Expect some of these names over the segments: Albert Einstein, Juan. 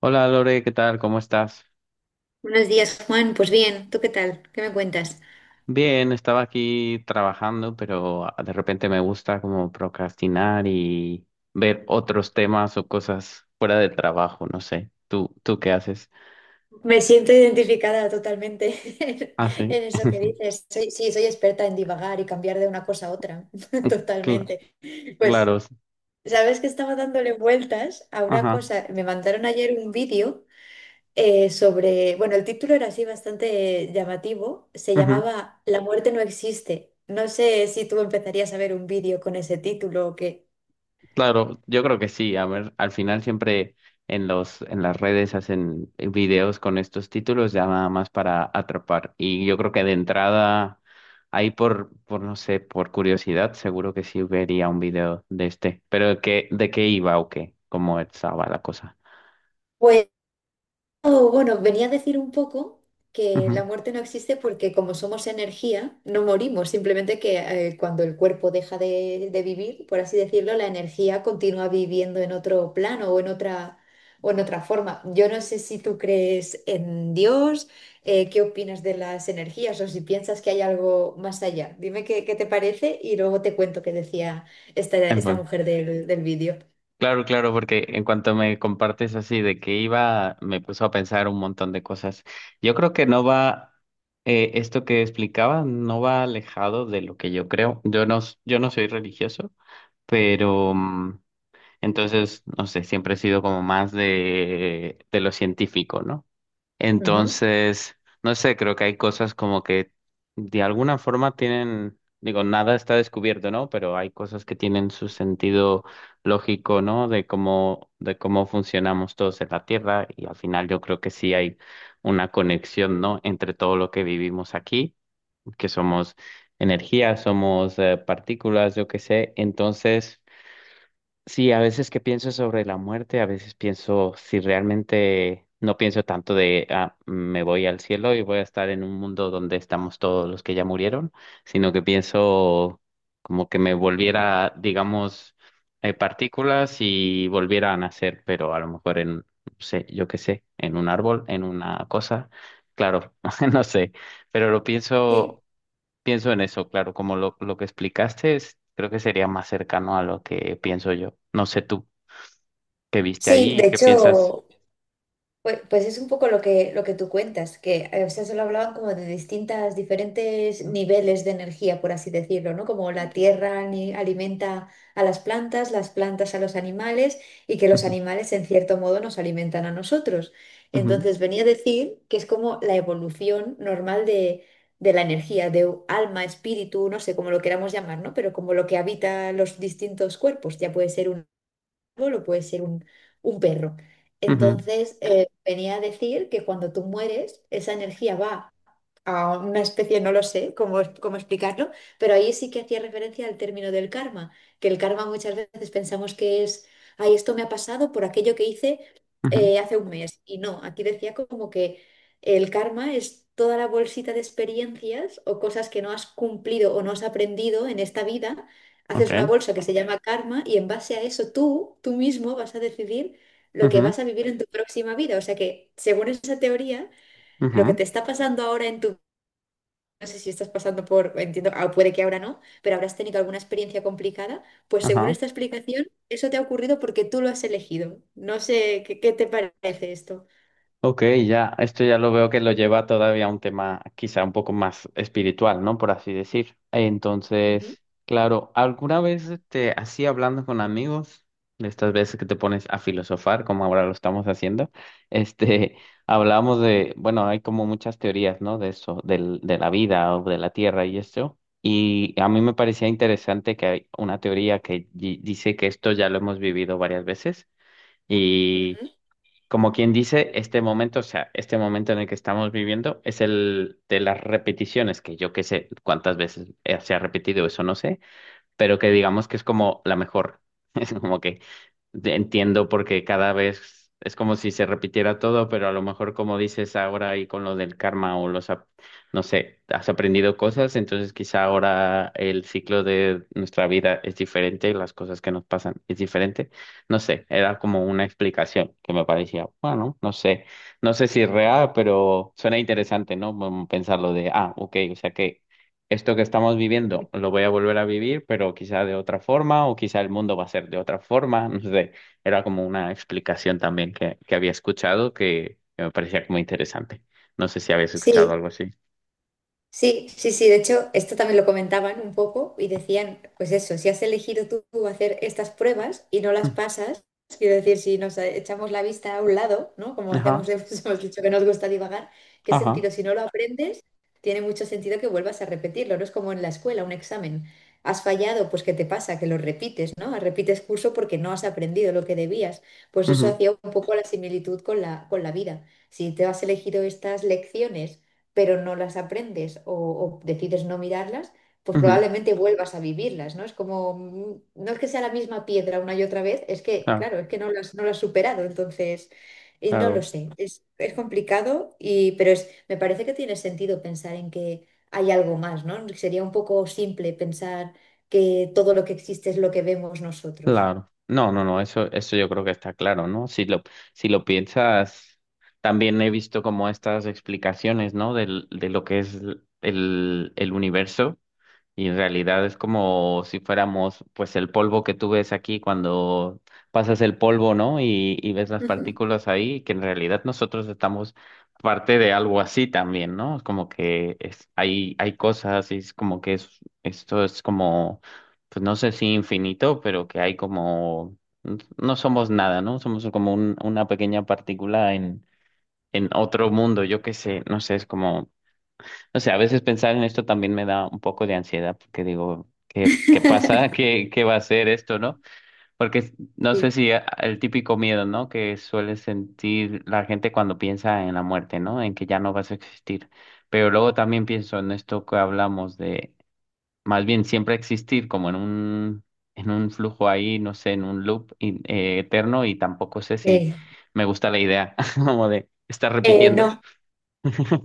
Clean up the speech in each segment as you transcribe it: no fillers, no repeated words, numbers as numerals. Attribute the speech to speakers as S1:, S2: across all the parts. S1: Hola Lore, ¿qué tal? ¿Cómo estás?
S2: Buenos días, Juan. Pues bien, ¿tú qué tal? ¿Qué me cuentas?
S1: Bien, estaba aquí trabajando, pero de repente me gusta como procrastinar y ver otros temas o cosas fuera del trabajo, no sé. ¿Tú qué haces?
S2: Me siento identificada totalmente
S1: Ah, sí,
S2: en, eso que dices. Sí, soy experta en divagar y cambiar de una cosa a otra,
S1: cl-
S2: totalmente. Pues,
S1: claro, sí.
S2: ¿sabes que estaba dándole vueltas a una
S1: Ajá.
S2: cosa? Me mandaron ayer un vídeo sobre, bueno, el título era así bastante llamativo, se llamaba La muerte no existe. No sé si tú empezarías a ver un vídeo con ese título o qué.
S1: Claro, yo creo que sí. A ver, al final siempre en las redes hacen videos con estos títulos ya nada más para atrapar. Y yo creo que de entrada, ahí por no sé, por curiosidad, seguro que sí vería un video de este. Pero ¿qué, de qué iba o qué? ¿Cómo estaba la cosa?
S2: Pues, oh, bueno, venía a decir un poco que la
S1: Ujú.
S2: muerte no existe porque como somos energía, no morimos, simplemente que cuando el cuerpo deja de vivir, por así decirlo, la energía continúa viviendo en otro plano o en o en otra forma. Yo no sé si tú crees en Dios, qué opinas de las energías o si piensas que hay algo más allá. Dime qué te parece y luego te cuento qué decía
S1: El
S2: esta
S1: juego.
S2: mujer del vídeo.
S1: Claro, claro, porque en cuanto me compartes así de que iba, me puso a pensar un montón de cosas. Yo creo que no va, Esto que explicaba no va alejado de lo que yo creo. Yo no soy religioso, pero entonces, no sé, siempre he sido como más de lo científico, ¿no?
S2: Ujú.
S1: Entonces, no sé, creo que hay cosas como que de alguna forma tienen, digo, nada está descubierto, ¿no? Pero hay cosas que tienen su sentido lógico, ¿no? De cómo funcionamos todos en la Tierra y al final yo creo que sí hay una conexión, ¿no? Entre todo lo que vivimos aquí, que somos energía, somos partículas, yo qué sé. Entonces... Sí, a veces que pienso sobre la muerte, a veces pienso si realmente no pienso tanto de ah, me voy al cielo y voy a estar en un mundo donde estamos todos los que ya murieron, sino que pienso como que me volviera, digamos, partículas y volviera a nacer, pero a lo mejor en, no sé, yo qué sé, en un árbol, en una cosa, claro, no sé, pero lo
S2: Sí.
S1: pienso. Pienso en eso, claro, lo que explicaste es, creo que sería más cercano a lo que pienso yo. No sé tú qué viste
S2: Sí,
S1: ahí,
S2: de
S1: qué piensas.
S2: hecho... pues es un poco lo que tú cuentas, que o sea, solo hablaban como de distintas, diferentes niveles de energía, por así decirlo, ¿no? Como la tierra alimenta a las plantas a los animales y que los
S1: Ujú,
S2: animales en cierto modo nos alimentan a nosotros.
S1: ujú,
S2: Entonces venía a decir que es como la evolución normal de la energía, de alma, espíritu, no sé cómo lo queramos llamar, ¿no? Pero como lo que habita los distintos cuerpos, ya puede ser un árbol o puede ser un perro.
S1: ujú,
S2: Entonces, venía a decir que cuando tú mueres, esa energía va a una especie, no lo sé cómo explicarlo, pero ahí sí que hacía referencia al término del karma, que el karma muchas veces pensamos que es, ay, esto me ha pasado por aquello que hice
S1: ujú,
S2: hace un mes. Y no, aquí decía como que el karma es toda la bolsita de experiencias o cosas que no has cumplido o no has aprendido en esta vida.
S1: ok,
S2: Haces una bolsa que se llama karma y en base a eso tú mismo vas a decidir lo que
S1: ujú,
S2: vas a vivir en tu próxima vida. O sea que, según esa teoría, lo que
S1: ujú,
S2: te está pasando ahora en tu no sé si estás pasando por, entiendo, ah, puede que ahora no, pero habrás tenido alguna experiencia complicada. Pues según
S1: ajá.
S2: esta explicación, eso te ha ocurrido porque tú lo has elegido. No sé qué te parece esto.
S1: Ok, ya, esto ya lo veo que lo lleva todavía a un tema quizá un poco más espiritual, ¿no? Por así decir.
S2: Ujú,
S1: Entonces, claro, ¿alguna vez te así hablando con amigos, de estas veces que te pones a filosofar, como ahora lo estamos haciendo, este, hablamos de, bueno, hay como muchas teorías, ¿no? De eso, del, de la vida o de la tierra y esto. Y a mí me parecía interesante que hay una teoría que dice que esto ya lo hemos vivido varias veces y
S2: ujú.
S1: como quien dice, este momento, o sea, este momento en el que estamos viviendo es el de las repeticiones, que yo qué sé cuántas veces se ha repetido, eso no sé, pero que digamos que es como la mejor. Es como que entiendo porque cada vez es como si se repitiera todo, pero a lo mejor como dices ahora y con lo del karma o no sé, has aprendido cosas, entonces quizá ahora el ciclo de nuestra vida es diferente, las cosas que nos pasan es diferente. No sé, era como una explicación que me parecía, bueno, no sé, no sé si es real, pero suena interesante, ¿no? Como pensarlo de, ah, ok, o sea que esto que estamos viviendo lo voy a volver a vivir, pero quizá de otra forma o quizá el mundo va a ser de otra forma, no sé. Era como una explicación también que había escuchado que me parecía como interesante. No sé si habías escuchado
S2: Sí.
S1: algo así.
S2: Sí, sí, sí, de hecho, esto también lo comentaban un poco y decían, pues eso, si has elegido tú hacer estas pruebas y no las pasas, quiero decir, si nos echamos la vista a un lado, ¿no? Como
S1: Mm,
S2: hacemos,
S1: ajá,
S2: hemos dicho que nos gusta divagar, ¿qué sentido?
S1: ajá,
S2: Si no lo aprendes, tiene mucho sentido que vuelvas a repetirlo, ¿no? Es como en la escuela, un examen. Has fallado, pues ¿qué te pasa? Que lo repites, ¿no? Ah, repites curso porque no has aprendido lo que debías. Pues eso
S1: ujú,
S2: hacía un poco la similitud con la vida. Si te has elegido estas lecciones pero no las aprendes o decides no mirarlas, pues
S1: ujú.
S2: probablemente vuelvas a vivirlas, ¿no? Es como, no es que sea la misma piedra una y otra vez, es que,
S1: Claro,
S2: claro, es que no no las has superado, entonces, y no lo
S1: claro,
S2: sé, es complicado, y, pero es, me parece que tiene sentido pensar en que hay algo más, ¿no? Sería un poco simple pensar que todo lo que existe es lo que vemos nosotros.
S1: claro. No, no, no, eso yo creo que está claro, ¿no? Si lo, si lo piensas, también he visto como estas explicaciones, ¿no? De lo que es el universo. Y en realidad es como si fuéramos, pues, el polvo que tú ves aquí cuando pasas el polvo, ¿no? Y ves las
S2: Ujú.
S1: partículas ahí, que en realidad nosotros estamos parte de algo así también, ¿no? Es como que es, hay cosas y es como que es, esto es como, pues no sé si infinito, pero que hay como, no somos nada, ¿no? Somos como una pequeña partícula en otro mundo, yo qué sé, no sé, es como... O sea, a veces pensar en esto también me da un poco de ansiedad porque digo, ¿qué, qué pasa? ¿Qué, qué va a ser esto, no? Porque no sé
S2: Sí.
S1: si el típico miedo, ¿no? Que suele sentir la gente cuando piensa en la muerte, ¿no? En que ya no vas a existir. Pero luego también pienso en esto que hablamos de, más bien siempre existir como en un flujo ahí, no sé, en un eterno y tampoco sé si
S2: Eh,
S1: me gusta la idea como de estar repitiendo.
S2: no,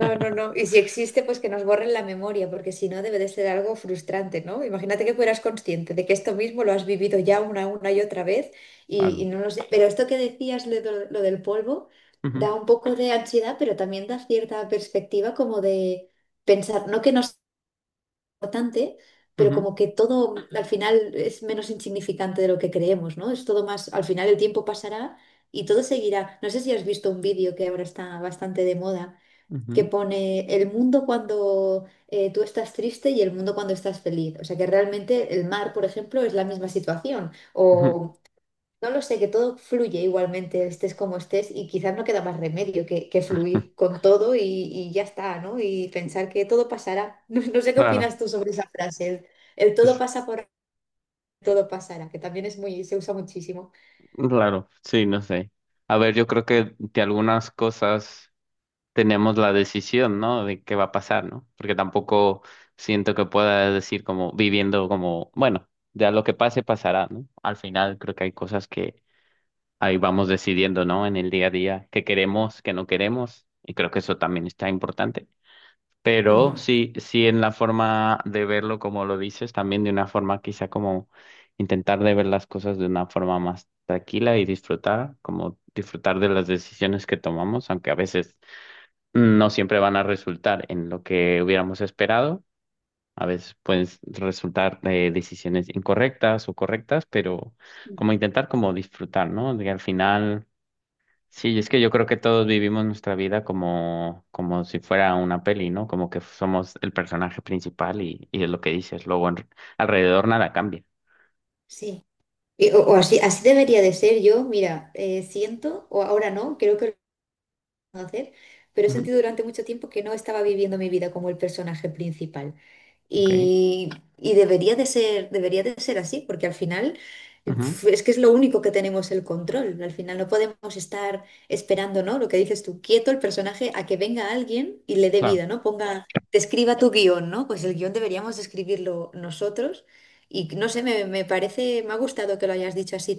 S2: no, no, no. Y si existe, pues que nos borren la memoria, porque si no debe de ser algo frustrante, ¿no? Imagínate que fueras consciente de que esto mismo lo has vivido ya una y otra vez y
S1: Claro.
S2: no lo sé. Pero esto que decías, lo, lo del polvo,
S1: Ujú,
S2: da un poco de ansiedad, pero también da cierta perspectiva como de pensar, no que no es importante, pero
S1: ujú,
S2: como que todo al final es menos insignificante de lo que creemos, ¿no? Es todo más, al final el tiempo pasará y todo seguirá. No sé si has visto un vídeo que ahora está bastante de moda que
S1: ujú.
S2: pone el mundo cuando tú estás triste y el mundo cuando estás feliz. O sea que realmente el mar, por ejemplo, es la misma situación.
S1: Ujú.
S2: O no lo sé, que todo fluye igualmente, estés como estés, y quizás no queda más remedio que fluir con todo y ya está, ¿no? Y pensar que todo pasará. No, no sé qué
S1: Claro,
S2: opinas tú sobre esa frase, el todo
S1: es-
S2: pasa por todo pasará, que también es muy, se usa muchísimo.
S1: claro, sí, no sé. A ver, yo creo que de algunas cosas tenemos la decisión, ¿no? De qué va a pasar, ¿no? Porque tampoco siento que pueda decir como viviendo como, bueno, ya lo que pase pasará, ¿no? Al final creo que hay cosas que ahí vamos decidiendo, ¿no? En el día a día, qué queremos, qué no queremos, y creo que eso también está importante. Pero
S2: Ujú.
S1: sí, sí en la forma de verlo como lo dices, también de una forma quizá como intentar de ver las cosas de una forma más tranquila y disfrutar, como disfrutar de las decisiones que tomamos, aunque a veces no siempre van a resultar en lo que hubiéramos esperado. A veces pueden resultar decisiones incorrectas o correctas, pero como
S2: Ujú.
S1: intentar como disfrutar, ¿no? De que al final sí, es que yo creo que todos vivimos nuestra vida como, como si fuera una peli, ¿no? Como que somos el personaje principal y es lo que dices. Luego alrededor nada cambia.
S2: Sí. Y- o así, así debería de ser yo, mira, siento, o ahora no, creo que hacer, pero he
S1: Ujú,
S2: sentido durante mucho tiempo que no estaba viviendo mi vida como el personaje principal.
S1: ok,
S2: Y, y debería de ser así, porque al final
S1: ujú,
S2: uf, es que es lo único que tenemos el control. Al final no podemos estar esperando, ¿no? Lo que dices tú, quieto el personaje a que venga alguien y le dé
S1: claro.
S2: vida, ¿no? Ponga, te escriba tu guión, ¿no? Pues el guión deberíamos escribirlo nosotros. Y no sé, me parece, me ha gustado que lo hayas dicho así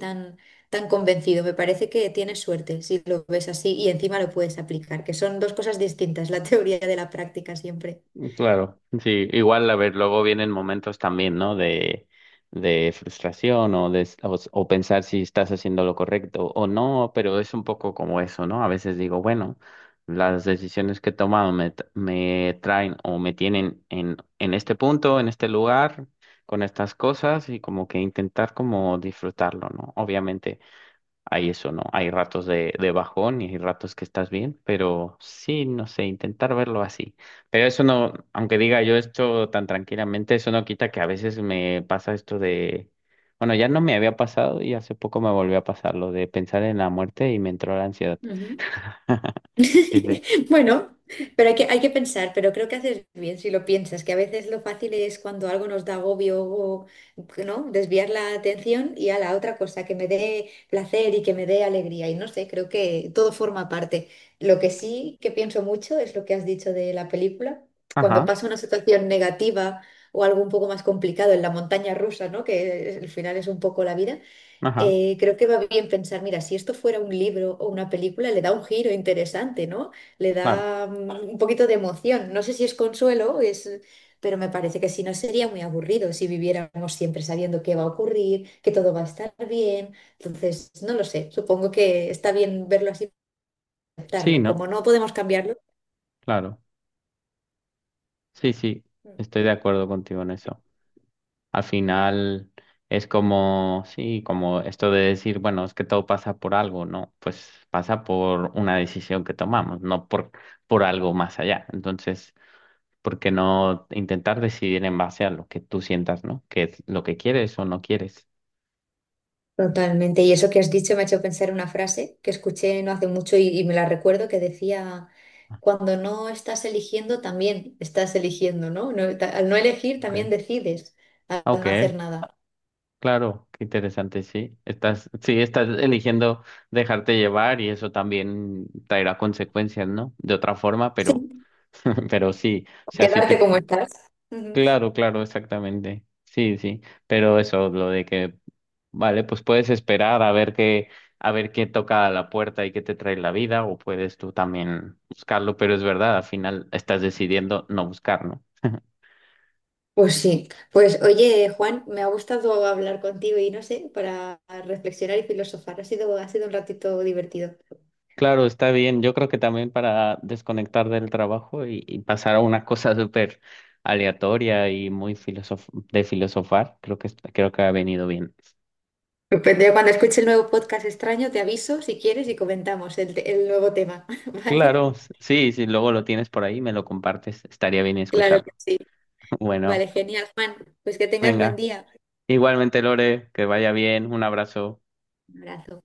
S2: tan convencido. Me parece que tienes suerte si lo ves así y encima lo puedes aplicar, que son dos cosas distintas, la teoría de la práctica siempre.
S1: Claro, sí, igual a ver, luego vienen momentos también, ¿no? De frustración o, de, o pensar si estás haciendo lo correcto o no, pero es un poco como eso, ¿no? A veces digo, bueno, las decisiones que he tomado me traen o me tienen en este punto, en este lugar, con estas cosas y como que intentar como disfrutarlo, ¿no? Obviamente hay eso, ¿no? Hay ratos de bajón y hay ratos que estás bien, pero sí, no sé, intentar verlo así. Pero eso no, aunque diga yo esto tan tranquilamente, eso no quita que a veces me pasa esto de, bueno, ya no me había pasado y hace poco me volvió a pasar lo de pensar en la muerte y me entró la ansiedad.
S2: Ujú.
S1: Sí, sí.
S2: Bueno, pero hay hay que pensar, pero creo que haces bien si lo piensas, que a veces lo fácil es cuando algo nos da agobio o, ¿no? Desviar la atención y a la otra cosa, que me dé placer y que me dé alegría. Y no sé, creo que todo forma parte. Lo que sí que pienso mucho es lo que has dicho de la película.
S1: Ajá,
S2: Cuando pasa una situación negativa o algo un poco más complicado en la montaña rusa, ¿no? Que al final es un poco la vida
S1: ajá,
S2: creo que va bien pensar, mira, si esto fuera un libro o una película, le da un giro interesante, ¿no? Le
S1: claro.
S2: da un poquito de emoción. No sé si es consuelo, es... pero me parece que si no sería muy aburrido si viviéramos siempre sabiendo qué va a ocurrir, que todo va a estar bien. Entonces, no lo sé, supongo que está bien verlo así,
S1: Sí,
S2: aceptarlo. Como
S1: ¿no?
S2: no podemos cambiarlo.
S1: Claro. Sí, sí, estoy de acuerdo contigo en eso. Al final es como, sí, como esto de decir, bueno, es que todo pasa por algo, ¿no? Pues pasa por una decisión que tomamos, no por algo más allá. Entonces, ¿por qué no intentar decidir en base a lo que tú sientas, ¿no? Que es lo que quieres o no quieres.
S2: Totalmente. Y eso que has dicho me ha hecho pensar en una frase que escuché no hace mucho y me la recuerdo que decía, cuando no estás eligiendo, también estás eligiendo, ¿no? Al no elegir, también
S1: Okay.
S2: decides, al
S1: Ok,
S2: no hacer nada.
S1: claro, qué interesante, sí. Estás, sí, estás eligiendo dejarte llevar y eso también traerá consecuencias, ¿no? De otra forma, pero,
S2: Sí.
S1: pero sí. O sea, si
S2: Quedarte
S1: tú
S2: como estás. Ujú.
S1: claro, claro, exactamente. Sí, sí, pero eso, lo de que, vale, pues puedes esperar a ver qué toca a la puerta y qué te trae la vida, o puedes tú también buscarlo, pero es verdad, al final estás decidiendo no buscarlo.
S2: Pues sí. Pues oye, Juan, me ha gustado hablar contigo y no sé, para reflexionar y filosofar. Ha sido un ratito divertido.
S1: Claro, está bien. Yo creo que también para desconectar del trabajo y pasar a una cosa súper aleatoria y muy filosof de filosofar, creo que, creo que ha venido bien.
S2: Depende. Cuando escuche el nuevo podcast extraño, te aviso si quieres y comentamos el nuevo tema, ¿vale?
S1: Claro, sí, si luego lo tienes por ahí, me lo compartes, estaría bien
S2: Claro que
S1: escucharlo.
S2: sí.
S1: Bueno.
S2: Vale, genial, Juan. Pues que tengas buen
S1: Venga,
S2: día.
S1: igualmente Lore, que vaya bien, un abrazo.
S2: Un abrazo.